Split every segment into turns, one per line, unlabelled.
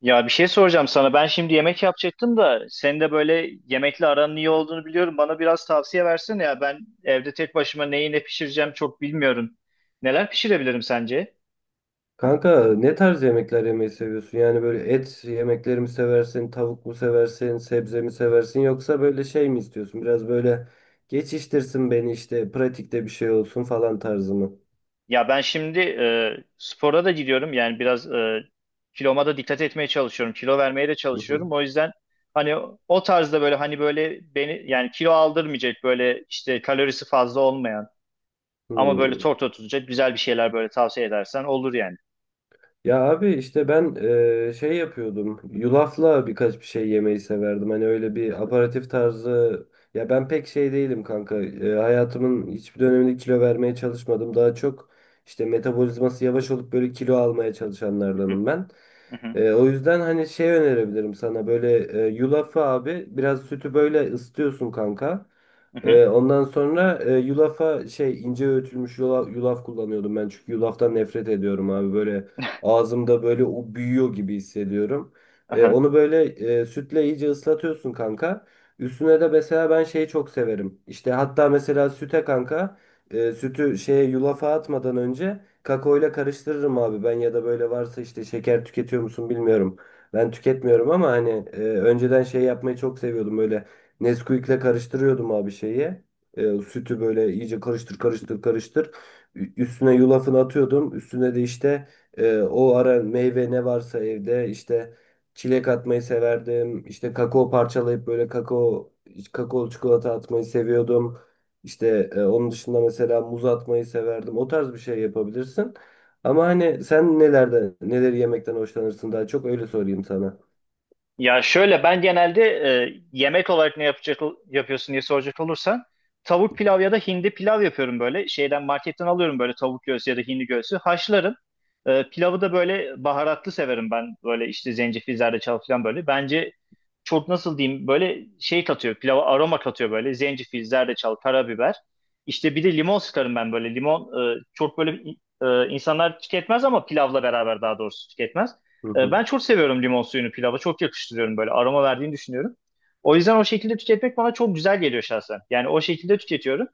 Ya bir şey soracağım sana. Ben şimdi yemek yapacaktım da senin de böyle yemekle aranın iyi olduğunu biliyorum. Bana biraz tavsiye versene ya. Ben evde tek başıma neyi ne pişireceğim çok bilmiyorum. Neler pişirebilirim sence?
Kanka ne tarz yemekler yemeyi seviyorsun? Yani böyle et yemekleri mi seversin, tavuk mu seversin, sebze mi seversin yoksa böyle şey mi istiyorsun? Biraz böyle geçiştirsin beni işte pratikte bir şey olsun falan tarzı mı?
Ya ben şimdi spora da gidiyorum. Yani biraz kiloma da dikkat etmeye çalışıyorum. Kilo vermeye de
Hı hı.
çalışıyorum. O yüzden hani o tarzda böyle hani böyle beni yani kilo aldırmayacak böyle işte kalorisi fazla olmayan ama böyle
Hmm.
tok tutacak güzel bir şeyler böyle tavsiye edersen olur yani.
Ya abi işte ben şey yapıyordum. Yulafla birkaç bir şey yemeyi severdim. Hani öyle bir aperatif tarzı. Ya ben pek şey değilim kanka. Hayatımın hiçbir döneminde kilo vermeye çalışmadım. Daha çok işte metabolizması yavaş olup böyle kilo almaya
Hı hı,
çalışanlardanım ben.
hı hı,
O yüzden hani şey önerebilirim sana böyle yulafı abi biraz sütü böyle ısıtıyorsun kanka.
hı hı.
Ondan sonra yulafa şey ince öğütülmüş yulaf kullanıyordum ben çünkü yulaftan nefret ediyorum abi böyle ağzımda böyle o büyüyor gibi hissediyorum. Ee,
Aha.
onu böyle sütle iyice ıslatıyorsun kanka. Üstüne de mesela ben şeyi çok severim. İşte hatta mesela süte kanka sütü şeye yulafa atmadan önce kakaoyla karıştırırım abi ben ya da böyle varsa işte şeker tüketiyor musun bilmiyorum. Ben tüketmiyorum ama hani önceden şey yapmayı çok seviyordum böyle Nesquik'le karıştırıyordum abi şeyi. Sütü böyle iyice karıştır karıştır karıştır. Üstüne yulafını atıyordum. Üstüne de işte o ara meyve ne varsa evde işte çilek atmayı severdim. İşte kakao parçalayıp böyle kakao çikolata atmayı seviyordum. İşte onun dışında mesela muz atmayı severdim. O tarz bir şey yapabilirsin. Ama hani sen nelerde neleri yemekten hoşlanırsın daha çok öyle sorayım sana.
Ya şöyle ben genelde yemek olarak ne yapacak yapıyorsun diye soracak olursan tavuk pilav ya da hindi pilav yapıyorum böyle. Şeyden marketten alıyorum böyle tavuk göğsü ya da hindi göğsü haşlarım. Pilavı da böyle baharatlı severim ben. Böyle işte zencefil, zerdeçal falan böyle. Bence çok nasıl diyeyim böyle şey katıyor. Pilava aroma katıyor böyle. Zencefil, zerdeçal, karabiber. İşte bir de limon sıkarım ben böyle. Limon çok böyle insanlar tüketmez ama pilavla beraber daha doğrusu tüketmez.
Hı hı.
Ben çok seviyorum limon suyunu pilava. Çok yakıştırıyorum böyle aroma verdiğini düşünüyorum. O yüzden o şekilde tüketmek bana çok güzel geliyor şahsen. Yani o şekilde tüketiyorum.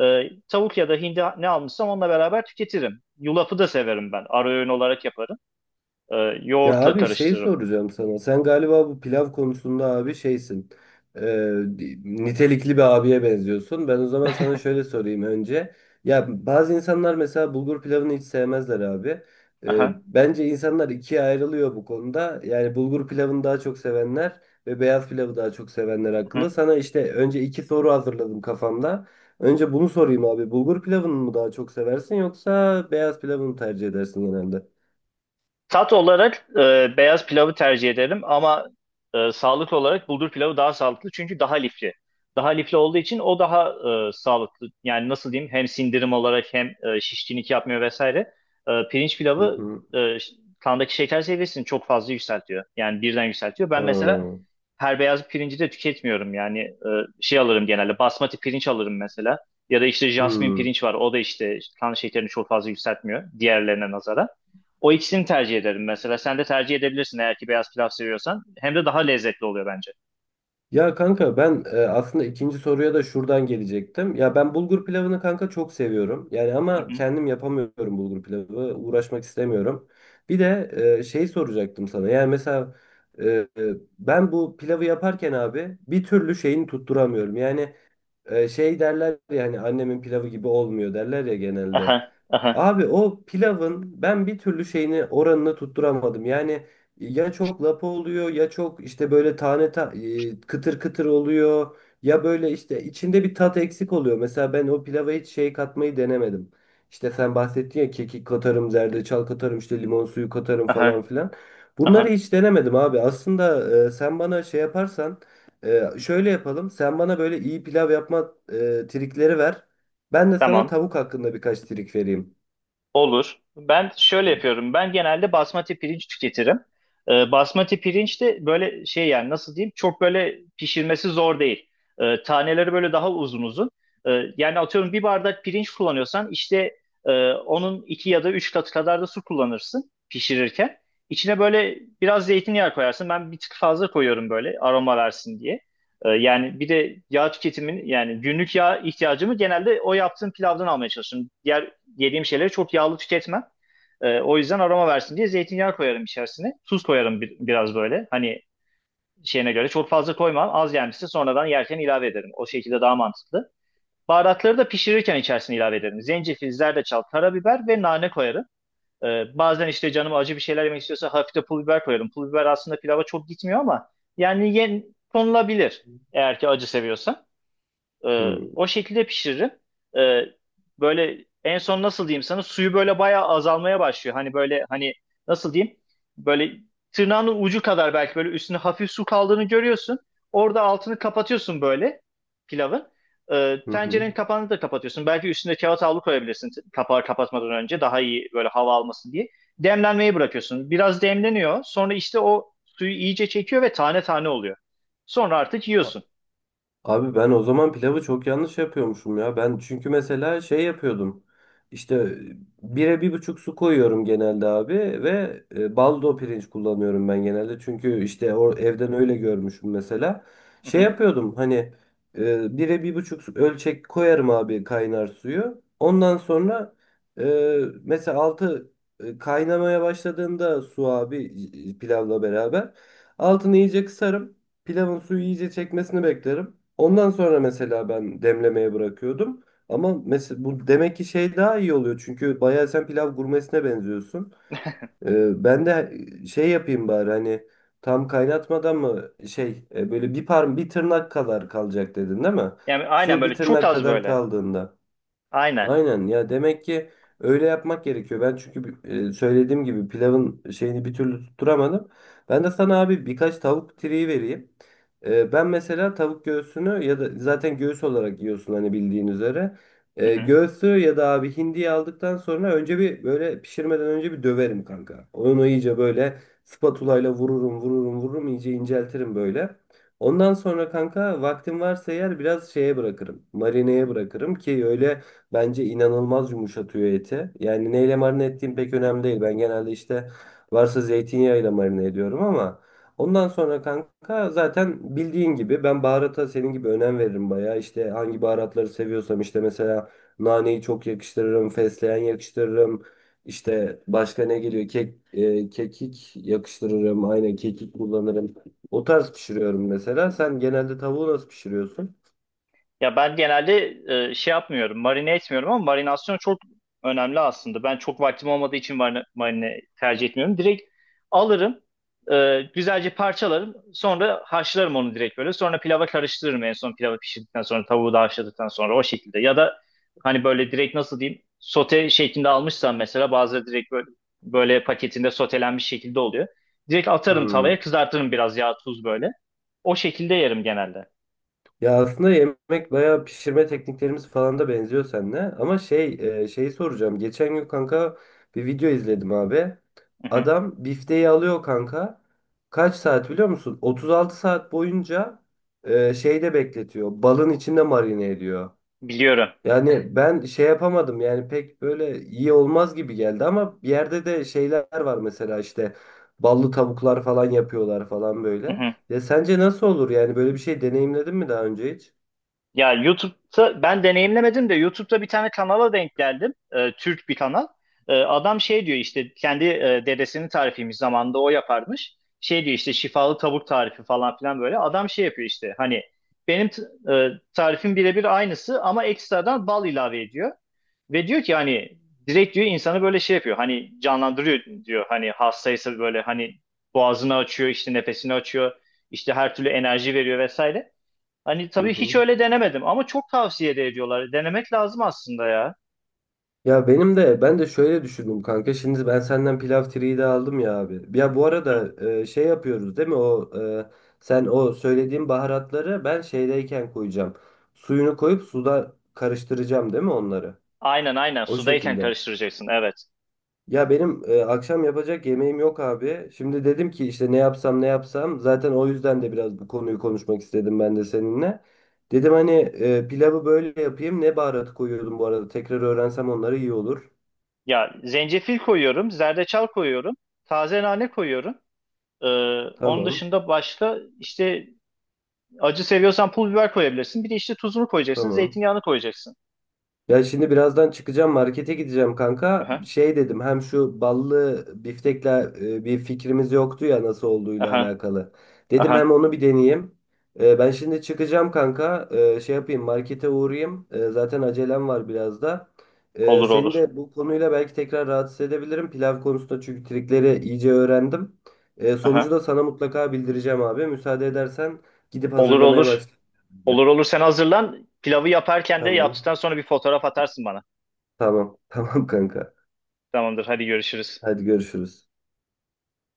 Tavuk ya da hindi ne almışsam onunla beraber tüketirim. Yulafı da severim ben. Ara öğün olarak yaparım. E,
Ya
Yoğurtla
abi şey
karıştırırım.
soracağım sana. Sen galiba bu pilav konusunda abi şeysin. Ee, nitelikli bir abiye benziyorsun. Ben o zaman sana şöyle sorayım önce. Ya bazı insanlar mesela bulgur pilavını hiç sevmezler abi. Ee,
Aha.
bence insanlar ikiye ayrılıyor bu konuda. Yani bulgur pilavını daha çok sevenler ve beyaz pilavı daha çok sevenler hakkında. Sana işte önce iki soru hazırladım kafamda. Önce bunu sorayım abi. Bulgur pilavını mı daha çok seversin yoksa beyaz pilavını mı tercih edersin genelde?
Tat olarak beyaz pilavı tercih ederim ama sağlık olarak bulgur pilavı daha sağlıklı çünkü daha lifli. Daha lifli olduğu için o daha sağlıklı. Yani nasıl diyeyim hem sindirim olarak hem şişkinlik yapmıyor vesaire. Pirinç
Hı
pilavı
hı.
e, ş- kandaki şeker seviyesini çok fazla yükseltiyor. Yani birden yükseltiyor. Ben mesela
Ha.
her beyaz pirinci de tüketmiyorum. Yani şey alırım genelde basmati pirinç alırım mesela. Ya da işte jasmin
Hmm.
pirinç var. O da işte kan şekerini çok fazla yükseltmiyor diğerlerine nazara. O ikisini tercih ederim mesela. Sen de tercih edebilirsin eğer ki beyaz pilav seviyorsan. Hem de daha lezzetli oluyor bence.
Ya kanka ben aslında ikinci soruya da şuradan gelecektim. Ya ben bulgur pilavını kanka çok seviyorum. Yani
Hı
ama
hı.
kendim yapamıyorum bulgur pilavı. Uğraşmak istemiyorum. Bir de şey soracaktım sana. Yani mesela e, e, ben bu pilavı yaparken abi bir türlü şeyini tutturamıyorum. Yani şey derler ya hani annemin pilavı gibi olmuyor derler ya
Aha,
genelde.
aha,
Abi o pilavın ben bir türlü şeyini oranını tutturamadım. Yani ya çok lapa oluyor ya çok işte böyle tane kıtır kıtır oluyor ya böyle işte içinde bir tat eksik oluyor. Mesela ben o pilava hiç şey katmayı denemedim. İşte sen bahsettin ya kekik katarım, zerdeçal katarım, işte limon suyu katarım
aha,
falan filan. Bunları
aha.
hiç denemedim abi. Aslında sen bana şey yaparsan şöyle yapalım. Sen bana böyle iyi pilav yapma trikleri ver. Ben de sana
Tamam.
tavuk hakkında birkaç trik vereyim.
Olur. Ben şöyle
Hı,
yapıyorum. Ben genelde basmati pirinç tüketirim. Basmati pirinç de böyle şey yani nasıl diyeyim çok böyle pişirmesi zor değil. Taneleri böyle daha uzun uzun. Yani atıyorum bir bardak pirinç kullanıyorsan işte onun iki ya da üç katı kadar da su kullanırsın pişirirken. İçine böyle biraz zeytinyağı koyarsın. Ben bir tık fazla koyuyorum böyle aroma versin diye. Yani bir de yağ tüketimin yani günlük yağ ihtiyacımı genelde o yaptığım pilavdan almaya çalışıyorum. Diğer yediğim şeyleri çok yağlı tüketmem. O yüzden aroma versin diye zeytinyağı koyarım içerisine. Tuz koyarım biraz böyle. Hani şeyine göre çok fazla koymam. Az gelmişse sonradan yerken ilave ederim. O şekilde daha mantıklı. Baharatları da pişirirken içerisine ilave ederim. Zencefil, zerdeçal, karabiber ve nane koyarım. Bazen işte canım acı bir şeyler yemek istiyorsa hafif de pul biber koyarım. Pul biber aslında pilava çok gitmiyor ama yani konulabilir eğer ki acı seviyorsan. O şekilde pişiririm. Ee, Böyle en son nasıl diyeyim sana suyu böyle bayağı azalmaya başlıyor. Hani böyle hani nasıl diyeyim böyle tırnağının ucu kadar belki böyle üstüne hafif su kaldığını görüyorsun. Orada altını kapatıyorsun böyle pilavın.
hı hı.
Tencerenin kapağını da kapatıyorsun. Belki üstüne kağıt havlu koyabilirsin kapağı kapatmadan önce daha iyi böyle hava alması diye. Demlenmeyi bırakıyorsun. Biraz demleniyor. Sonra işte o suyu iyice çekiyor ve tane tane oluyor. Sonra artık
A-
yiyorsun.
Abi ben o zaman pilavı çok yanlış yapıyormuşum ya. Ben çünkü mesela şey yapıyordum. İşte bire bir buçuk su koyuyorum genelde abi ve baldo pirinç kullanıyorum ben genelde. Çünkü işte o evden öyle görmüşüm mesela.
Hı
Şey
hı.
yapıyordum hani bire bir buçuk ölçek koyarım abi kaynar suyu. Ondan sonra e, mesela altı kaynamaya başladığında su abi pilavla beraber altını iyice kısarım. Pilavın suyu iyice çekmesini beklerim. Ondan sonra mesela ben demlemeye bırakıyordum. Ama mesela bu demek ki şey daha iyi oluyor. Çünkü bayağı sen pilav gurmesine benziyorsun. Ben de şey yapayım bari hani tam kaynatmadan mı şey böyle bir tırnak kadar kalacak dedin değil mi?
Yani aynen
Su bir
böyle çok
tırnak
az
kadar
böyle.
kaldığında.
Aynen.
Aynen ya demek ki öyle yapmak gerekiyor. Ben çünkü söylediğim gibi pilavın şeyini bir türlü tutturamadım. Ben de sana abi birkaç tavuk tireyi vereyim. Ben mesela tavuk göğsünü ya da zaten göğüs olarak yiyorsun hani bildiğin üzere.
Hı
E,
hı.
göğsü ya da abi hindiyi aldıktan sonra önce bir böyle pişirmeden önce bir döverim kanka. Onu iyice böyle spatulayla vururum vururum vururum iyice inceltirim böyle. Ondan sonra kanka vaktim varsa eğer biraz şeye bırakırım. Marineye bırakırım ki öyle. Bence inanılmaz yumuşatıyor eti. Yani neyle marine ettiğim pek önemli değil. Ben genelde işte varsa zeytinyağıyla marine ediyorum ama ondan sonra kanka zaten bildiğin gibi ben baharata senin gibi önem veririm bayağı. İşte hangi baharatları seviyorsam işte mesela naneyi çok yakıştırırım, fesleğen yakıştırırım. İşte başka ne geliyor? Kekik yakıştırırım. Aynen kekik kullanırım. O tarz pişiriyorum mesela. Sen genelde tavuğu nasıl pişiriyorsun?
Ya ben genelde şey yapmıyorum, marine etmiyorum ama marinasyon çok önemli aslında. Ben çok vaktim olmadığı için marine tercih etmiyorum. Direkt alırım, güzelce parçalarım, sonra haşlarım onu direkt böyle. Sonra pilava karıştırırım en son pilavı pişirdikten sonra, tavuğu da haşladıktan sonra o şekilde. Ya da hani böyle direkt nasıl diyeyim, sote şeklinde almışsam mesela bazıları direkt böyle paketinde sotelenmiş şekilde oluyor. Direkt atarım
Hmm.
tavaya, kızartırım biraz yağ, tuz böyle. O şekilde yerim genelde.
Ya aslında yemek bayağı pişirme tekniklerimiz falan da benziyor seninle. Ama şey şeyi soracağım. Geçen gün kanka bir video izledim abi.
Hı hı.
Adam bifteyi alıyor kanka. Kaç saat biliyor musun? 36 saat boyunca şeyde bekletiyor. Balın içinde marine ediyor.
Biliyorum.
Yani ben şey yapamadım yani pek böyle iyi olmaz gibi geldi ama bir yerde de şeyler var mesela işte ballı tavuklar falan yapıyorlar falan
Hı
böyle.
hı.
Ya sence nasıl olur yani böyle bir şey deneyimledin mi daha önce hiç?
Ya YouTube'da ben deneyimlemedim de YouTube'da bir tane kanala denk geldim. Türk bir kanal. Adam şey diyor işte kendi dedesinin tarifiymiş zamanında o yaparmış. Şey diyor işte şifalı tavuk tarifi falan filan böyle. Adam şey yapıyor işte hani benim tarifim birebir aynısı ama ekstradan bal ilave ediyor. Ve diyor ki hani direkt diyor insanı böyle şey yapıyor. Hani canlandırıyor diyor. Hani hastaysa böyle hani boğazını açıyor, işte nefesini açıyor. İşte her türlü enerji veriyor vesaire. Hani
Hı
tabii hiç
hı.
öyle denemedim ama çok tavsiye de ediyorlar. Denemek lazım aslında ya.
Ya benim de ben de şöyle düşündüm kanka. Şimdi ben senden pilav triyi de aldım ya abi. Ya bu
Hı.
arada şey yapıyoruz değil mi? Sen o söylediğin baharatları ben şeydeyken koyacağım. Suyunu koyup suda karıştıracağım değil mi onları?
Aynen aynen
O
sudayken
şekilde.
karıştıracaksın evet.
Ya benim akşam yapacak yemeğim yok abi. Şimdi dedim ki işte ne yapsam ne yapsam. Zaten o yüzden de biraz bu konuyu konuşmak istedim ben de seninle. Dedim hani pilavı böyle yapayım. Ne baharat koyuyordum bu arada? Tekrar öğrensem onları iyi olur.
Ya zencefil koyuyorum, zerdeçal koyuyorum, taze nane koyuyorum. Ee, Onun
Tamam.
dışında başka işte acı seviyorsan pul biber koyabilirsin. Bir de işte tuzunu koyacaksın,
Tamam.
zeytinyağını koyacaksın.
Ya şimdi birazdan çıkacağım markete gideceğim kanka.
Aha,
Şey dedim hem şu ballı biftekle bir fikrimiz yoktu ya nasıl olduğuyla
aha,
alakalı. Dedim hem
aha.
onu bir deneyeyim. Ben şimdi çıkacağım kanka. Şey yapayım markete uğrayayım. Zaten acelem var biraz da. E,
Olur
seni
olur.
de bu konuyla belki tekrar rahatsız edebilirim. Pilav konusunda çünkü trikleri iyice öğrendim. Sonucu
Aha.
da sana mutlaka bildireceğim abi. Müsaade edersen gidip
Olur
hazırlamaya
olur.
başlayayım.
Olur olur sen hazırlan. Pilavı yaparken de
Tamam.
yaptıktan sonra bir fotoğraf atarsın bana.
Tamam. Tamam kanka.
Tamamdır hadi görüşürüz.
Hadi görüşürüz.